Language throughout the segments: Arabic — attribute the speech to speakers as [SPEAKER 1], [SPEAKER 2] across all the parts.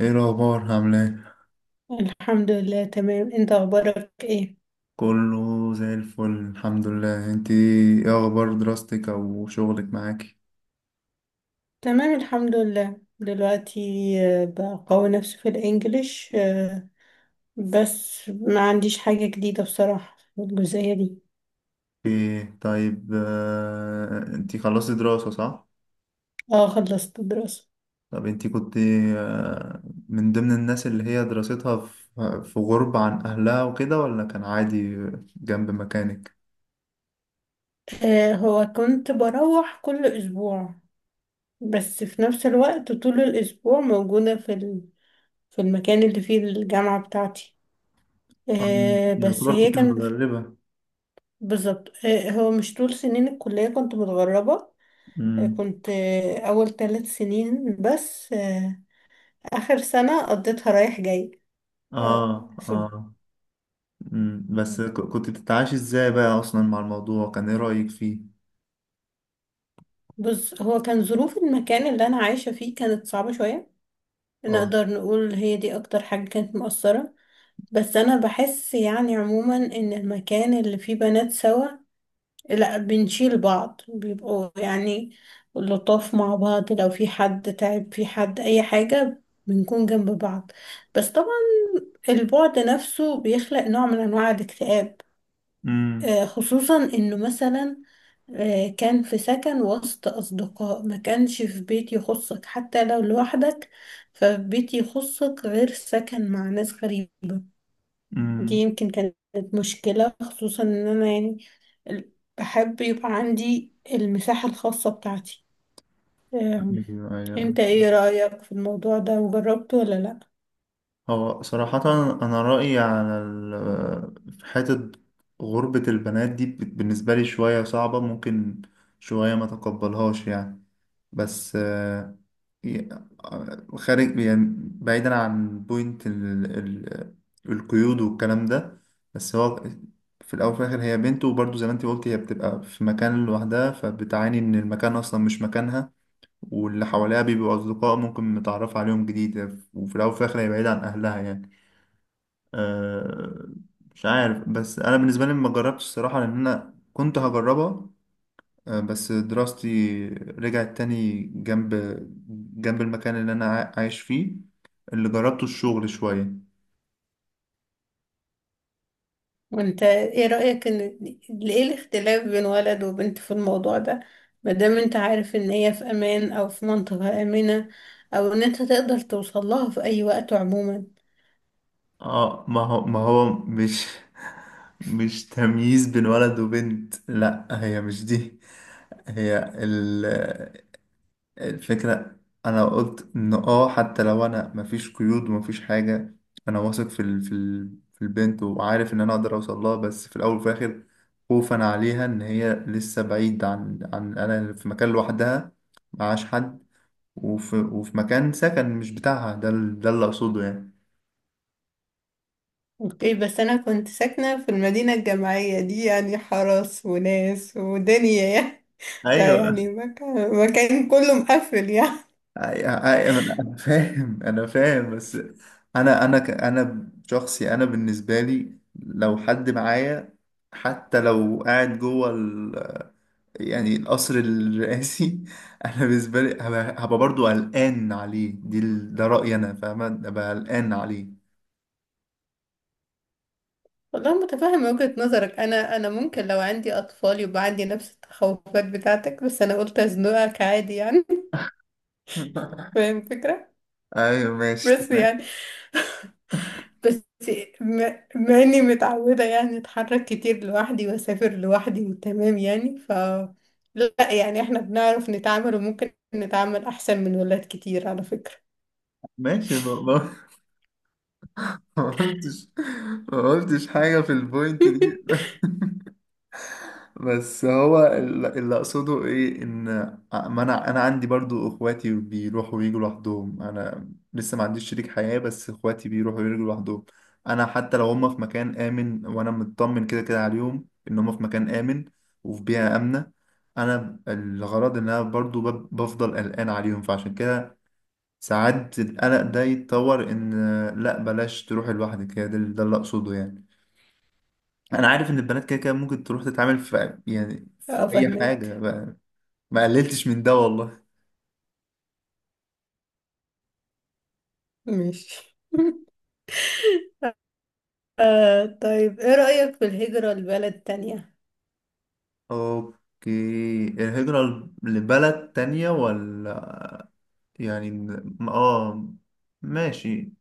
[SPEAKER 1] ايه الاخبار؟ عامله ايه؟
[SPEAKER 2] الحمد لله تمام، انت اخبارك ايه؟
[SPEAKER 1] كله زي الفل، الحمد لله. انت ايه اخبار دراستك او شغلك معاكي؟
[SPEAKER 2] تمام الحمد لله. دلوقتي بقوي نفسي في الانجليش، بس ما عنديش حاجة جديدة بصراحة في الجزئية دي.
[SPEAKER 1] ايه طيب. انت خلصتي دراسه، صح؟
[SPEAKER 2] اه خلصت دراسة.
[SPEAKER 1] طب انت كنت آه، من ضمن الناس اللي هي دراستها في غربه عن اهلها وكده، ولا كان عادي جنب مكانك؟
[SPEAKER 2] هو كنت بروح كل اسبوع، بس في نفس الوقت طول الاسبوع موجودة في المكان اللي فيه الجامعة بتاعتي.
[SPEAKER 1] آه،
[SPEAKER 2] بس
[SPEAKER 1] يعتبر
[SPEAKER 2] هي
[SPEAKER 1] كنت
[SPEAKER 2] كان.
[SPEAKER 1] متغربه.
[SPEAKER 2] بالظبط، هو مش طول سنين الكلية كنت متغربة.
[SPEAKER 1] امم.
[SPEAKER 2] كنت أول ثلاث سنين بس، آخر سنة قضيتها رايح جاي. آه،
[SPEAKER 1] اه.
[SPEAKER 2] ف-
[SPEAKER 1] اه. بس كنت بتتعايشي ازاي بقى اصلا مع الموضوع؟ كان ايه رايك فيه؟
[SPEAKER 2] بص، هو كان ظروف المكان اللي أنا عايشة فيه كانت صعبة شوية.
[SPEAKER 1] اه.
[SPEAKER 2] نقدر نقول هي دي أكتر حاجة كانت مؤثرة. بس أنا بحس يعني عموما إن المكان اللي فيه بنات سوا، لا بنشيل بعض، بيبقوا يعني لطاف مع بعض، لو في حد تعب، في حد أي حاجة بنكون جنب بعض. بس طبعا البعد نفسه بيخلق نوع من أنواع الاكتئاب.
[SPEAKER 1] امم.
[SPEAKER 2] خصوصا إنه مثلا كان في سكن وسط أصدقاء، ما كانش في بيت يخصك حتى لو لوحدك. فبيت يخصك غير سكن مع ناس غريبة. دي
[SPEAKER 1] امم.
[SPEAKER 2] يمكن كانت مشكلة، خصوصا إن أنا يعني ال- بحب يبقى عندي المساحة الخاصة بتاعتي. آم،
[SPEAKER 1] ايوه، ايوه.
[SPEAKER 2] انت ايه رأيك في الموضوع ده، وجربته ولا لأ؟
[SPEAKER 1] هو صراحة، أنا رأيي على في حتة غربة البنات دي، بالنسبة لي شوية صعبة. ممكن شوية ما تقبلهاش يعني. بس ي- خارج يعني، بعيدا عن بوينت القيود والكلام ده. بس هو في الأول وفي الآخر هي بنت، وبرضه زي ما أنت قلت، هي بتبقى في مكان لوحدها، فبتعاني إن المكان أصلا مش مكانها. واللي حواليها بيبقوا أصدقاء ممكن نتعرف عليهم جديد. وفي الأول وفي الآخر هي بعيدة عن أهلها يعني. أه، مش عارف. بس أنا بالنسبة لي ما جربتش الصراحة، لأن أنا كنت هجربها. أه بس دراستي رجعت تاني جنب المكان اللي أنا عايش فيه. اللي جربته الشغل شوية.
[SPEAKER 2] وانت ايه رأيك ان ايه الاختلاف بين ولد وبنت في الموضوع ده، مادام انت عارف ان هي في امان، او في منطقة آمنة، او ان انت تقدر توصل لها في اي وقت عموما؟
[SPEAKER 1] اه، ما هو مش تمييز بين ولد وبنت، لا هي مش دي. هي الفكرة. أنا قلت إن حتى لو أنا مفيش قيود ومفيش حاجة، أنا واثق في البنت، وعارف إن أنا أقدر أوصل لها. بس في الأول وفي الآخر، خوفا عليها إن هي لسه بعيد عن أنا في مكان لوحدها، معاش حد، وفي مكان سكن مش بتاعها. ده اللي أقصده يعني.
[SPEAKER 2] اوكي، بس انا كنت ساكنة في المدينة الجامعية دي، يعني حرس وناس ودنيا يعني. ده
[SPEAKER 1] ايوه.
[SPEAKER 2] يعني مكان كله مقفل يعني.
[SPEAKER 1] أي- أي- انا فاهم، بس انا شخصي، انا بالنسبه لي لو حد معايا، حتى لو قاعد جوه يعني القصر الرئاسي انا بالنسبه لي هبقى برضو قلقان عليه. ده رايي، انا فاهمه، هبقى قلقان عليه.
[SPEAKER 2] والله متفهمة وجهة نظرك، أنا ممكن لو عندي أطفال يبقى عندي نفس التخوفات بتاعتك، بس أنا قلت أزنقك عادي يعني. فاهم الفكرة.
[SPEAKER 1] ايوه، ماشي،
[SPEAKER 2] بس
[SPEAKER 1] تمام.
[SPEAKER 2] يعني، بس مع اني متعودة يعني اتحرك كتير لوحدي واسافر لوحدي وتمام يعني، ف لا يعني احنا بنعرف نتعامل، وممكن نتعامل احسن من ولاد كتير على فكرة.
[SPEAKER 1] ماشي. ما قلتش ما قلتش حاجه في البوينت دي. بس هو اللي اقصده ايه، ان ما انا عندي برضو اخواتي بيروحوا ويجوا لوحدهم، انا لسه ما عنديش شريك حياة، بس اخواتي بيروحوا ويجوا لوحدهم. انا حتى لو هم في مكان امن وانا مطمن كده كده عليهم ان هم في مكان امن وفي بيئة امنة. انا الغرض ان انا برضو بفضل قلقان عليهم، فعشان كده ساعات القلق ده يتطور ان، لا بلاش تروح لوحدك. هي ده اللي اقصده يعني. انا عارف ان البنات كده كده ممكن تروح تتعامل في، يعني، في
[SPEAKER 2] اه
[SPEAKER 1] اي حاجه
[SPEAKER 2] فهمك.
[SPEAKER 1] ما قللتش من ده والله.
[SPEAKER 2] ماشي. آه، طيب ايه رأيك في الهجرة لبلد تانية،
[SPEAKER 1] اوكي. الهجره لبلد تانية ولا؟ يعني ماشي.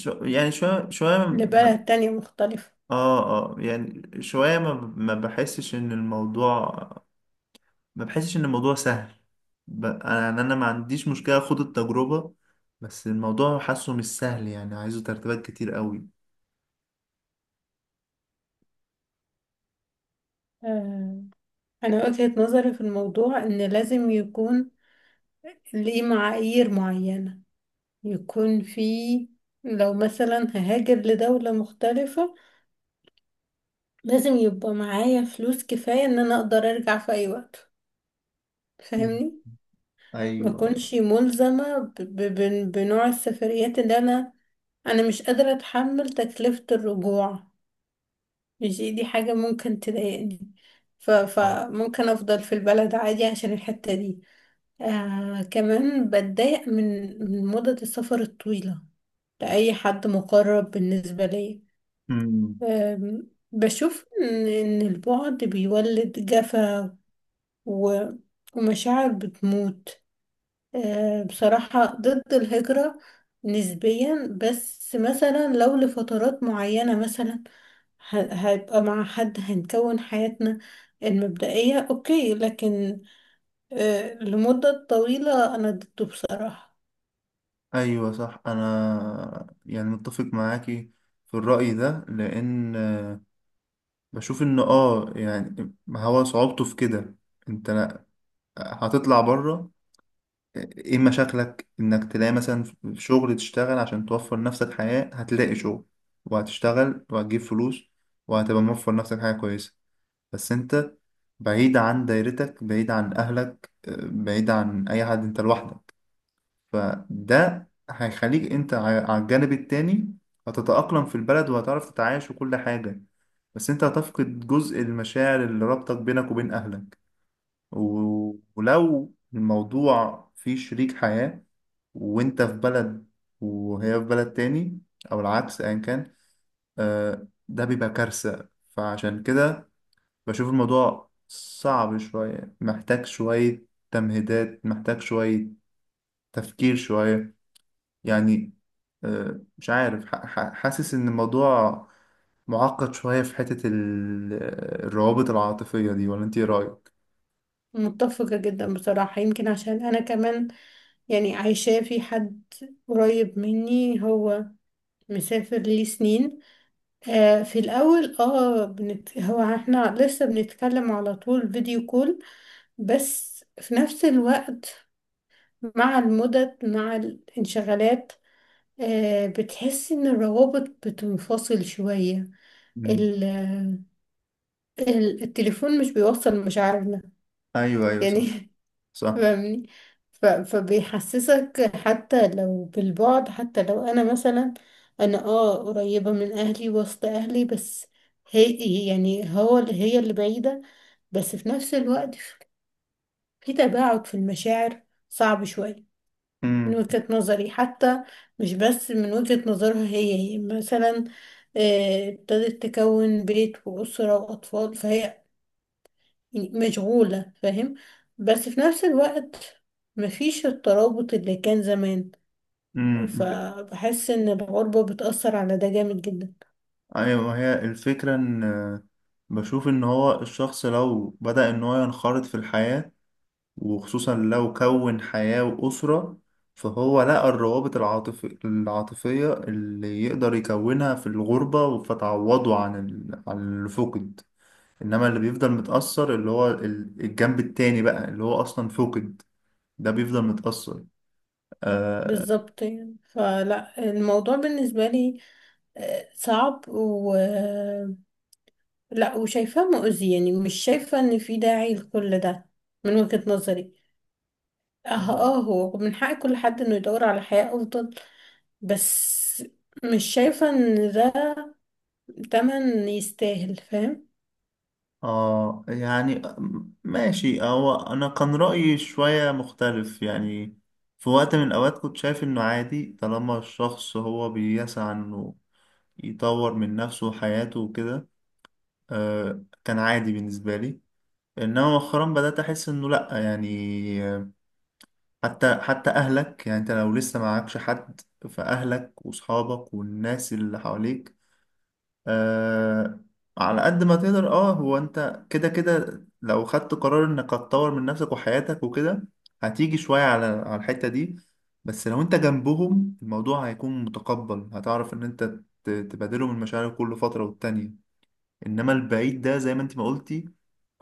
[SPEAKER 1] يعني شويه شويه
[SPEAKER 2] لبلد تانية مختلفة؟
[SPEAKER 1] اه اه يعني شويه ما بحسش ان الموضوع ما بحسش ان الموضوع سهل. انا يعني ما عنديش مشكله اخد التجربه. بس الموضوع حاسه مش سهل، يعني عايزه ترتيبات كتير قوي.
[SPEAKER 2] آه، انا وجهة نظري في الموضوع ان لازم يكون ليه معايير معينة، يكون في، لو مثلا ههاجر لدولة مختلفة لازم يبقى معايا فلوس كفاية ان انا اقدر ارجع في اي وقت.
[SPEAKER 1] مم.
[SPEAKER 2] فاهمني؟ ما
[SPEAKER 1] ايوه،
[SPEAKER 2] اكونش ملزمة بنوع السفريات اللي انا انا مش قادرة اتحمل تكلفة الرجوع. مش دي حاجة ممكن تضايقني، ف
[SPEAKER 1] ايوه.
[SPEAKER 2] فممكن افضل في البلد عادي عشان الحتة دي. آه، كمان بتضايق من من مدة السفر الطويلة لأي حد مقرب بالنسبة لي.
[SPEAKER 1] مم.
[SPEAKER 2] بشوف إن البعد بيولد جفا، و ومشاعر بتموت. بصراحة ضد الهجرة نسبيا، بس مثلا لو لفترات معينة، مثلا هيبقى مع حد هنكون حياتنا المبدئية أوكي، لكن لمدة طويلة أنا ضده بصراحة.
[SPEAKER 1] ايوه صح. انا يعني متفق معاكي في الرأي ده، لان بشوف ان يعني ما هو صعوبته في كده، انت هتطلع بره. ايه مشاكلك انك تلاقي مثلا في شغل تشتغل عشان توفر نفسك حياة؟ هتلاقي شغل، وهتشتغل وهتجيب فلوس، وهتبقى موفر نفسك حاجة كويسة. بس انت بعيد عن دايرتك، بعيد عن اهلك، بعيد عن اي حد، انت لوحدك. فده هيخليك انت على الجانب التاني. هتتأقلم في البلد وهتعرف تتعايش وكل حاجة. بس انت هتفقد جزء المشاعر اللي ربطك بينك وبين أهلك. ولو الموضوع فيه شريك حياة، وانت في بلد وهي في بلد تاني، او العكس ايا كان، ده بيبقى كارثة. فعشان كده بشوف الموضوع صعب شوية، محتاج شوية تمهيدات، محتاج شوية تفكير شوية يعني. مش عارف، حاسس ان الموضوع معقد شوية في حتة الروابط العاطفية دي. ولا انت ايه رأيك؟
[SPEAKER 2] متفقة جدا بصراحة، يمكن عشان أنا كمان، يعني عايشاه في حد قريب مني، هو مسافر ليه سنين. آه في الأول اه بنت، هو احنا لسه بنتكلم على طول فيديو كول، بس في نفس الوقت مع المدد مع الانشغالات، آه بتحس إن الروابط بتنفصل شوية.
[SPEAKER 1] مم.
[SPEAKER 2] ال... التليفون مش بيوصل مشاعرنا
[SPEAKER 1] ايوه، ايوه، صح.
[SPEAKER 2] يعني.
[SPEAKER 1] صح.
[SPEAKER 2] فاهمني؟ فبيحسسك حتى لو بالبعد، حتى لو انا مثلا، انا اه قريبة من اهلي وسط اهلي، بس هي يعني هو اللي هي اللي بعيدة. بس في نفس الوقت في تباعد في المشاعر، صعب شوية من
[SPEAKER 1] امم.
[SPEAKER 2] وجهة نظري، حتى مش بس من وجهة نظرها هي. هي مثلا ابتدت تكون بيت وأسرة وأطفال، فهي يعني مشغولة، فاهم؟ بس في نفس الوقت مفيش الترابط اللي كان زمان.
[SPEAKER 1] امم.
[SPEAKER 2] فبحس ان الغربة بتأثر على ده جامد جدا.
[SPEAKER 1] ايوه، ما هي الفكرة ان بشوف ان هو الشخص لو بدأ ان هو ينخرط في الحياة، وخصوصا لو كون حياة وأسرة، فهو لقى الروابط العاطفية اللي يقدر يكونها في الغربة، فتعوضه عن الفقد. انما اللي بيفضل متأثر اللي هو الجنب التاني بقى، اللي هو اصلا فقد، ده بيفضل متأثر. اه.
[SPEAKER 2] بالظبط يعني، فلا الموضوع بالنسبة لي صعب، و لا وشايفاه مؤذي يعني، مش شايفة ان في داعي لكل ده من وجهة نظري. اه اه هو من حق كل حد انه يدور على حياة افضل، بس مش شايفة ان ده تمن يستاهل، فاهم؟
[SPEAKER 1] يعني ماشي. هو انا كان رأيي شوية مختلف يعني. في وقت من الاوقات كنت شايف انه عادي، طالما الشخص هو بيسعى انه يطور من نفسه وحياته وكده، كان عادي بالنسبة لي. انما مؤخرا بدأت احس انه لا يعني، حتى اهلك يعني، انت لو لسه معكش حد، فاهلك واصحابك والناس اللي حواليك، آه على قد ما تقدر. اه هو انت كده كده لو خدت قرار انك هتطور من نفسك وحياتك وكده، هتيجي شوية على الحتة دي. بس لو انت جنبهم، الموضوع هيكون متقبل، هتعرف ان انت تبادلهم المشاعر كل فترة والتانية. انما البعيد ده، زي ما انت ما قلتي،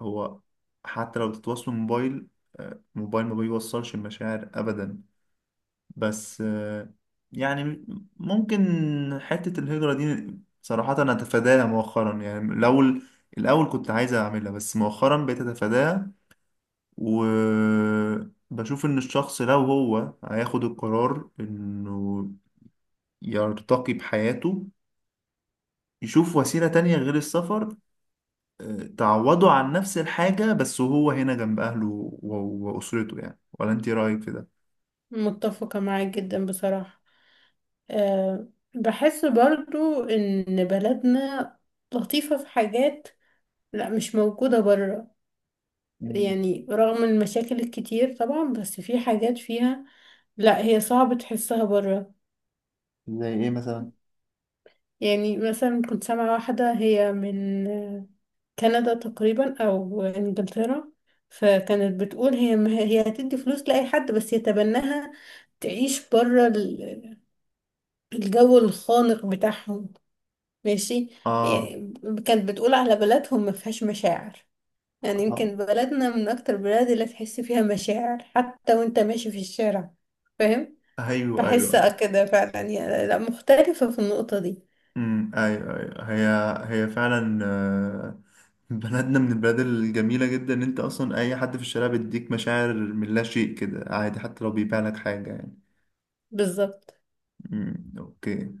[SPEAKER 1] هو حتى لو تتواصلوا موبايل، موبايل ما بيوصلش المشاعر ابدا. بس يعني، ممكن حتة الهجرة دي، صراحة أنا أتفاداها مؤخرا. يعني الأول، الأول كنت عايز أعملها بس مؤخرا بقيت أتفاداها. وبشوف إن الشخص لو هو هياخد القرار إنه يرتقي بحياته، يشوف وسيلة تانية غير السفر، تعوضه عن نفس الحاجة، بس وهو هنا جنب أهله و- وأسرته يعني. ولا أنت رأيك في ده؟
[SPEAKER 2] متفقة معاك جدا بصراحة. أه، بحس برضو إن بلدنا لطيفة في حاجات، لا مش موجودة برا،
[SPEAKER 1] مم.
[SPEAKER 2] يعني رغم المشاكل الكتير طبعا، بس في حاجات فيها لا هي صعب تحسها برا.
[SPEAKER 1] زي ايه مثلا؟
[SPEAKER 2] يعني مثلا كنت سامعة واحدة هي من كندا تقريبا أو إنجلترا، فكانت بتقول هي ما هي هتدي فلوس لأي حد بس يتبناها، تعيش برا الجو الخانق بتاعهم. ماشي.
[SPEAKER 1] آه.
[SPEAKER 2] يعني كانت بتقول على بلدهم ما فيهاش مشاعر، يعني
[SPEAKER 1] اه.
[SPEAKER 2] يمكن بلدنا من اكتر البلاد اللي تحس فيها مشاعر حتى وانت ماشي في الشارع. فاهم؟
[SPEAKER 1] أيوه،
[SPEAKER 2] بحس
[SPEAKER 1] أيوه.
[SPEAKER 2] كده فعلا، يعني لا مختلفة في النقطة دي.
[SPEAKER 1] امم. ايوه، ايوه. هي هي فعلا بلدنا من البلاد الجميله جدا، ان انت اصلا اي حد في الشارع بيديك مشاعر من لا شيء كده، عادي حتى لو بيبيع لك حاجه يعني.
[SPEAKER 2] بالظبط.
[SPEAKER 1] امم. اوكي.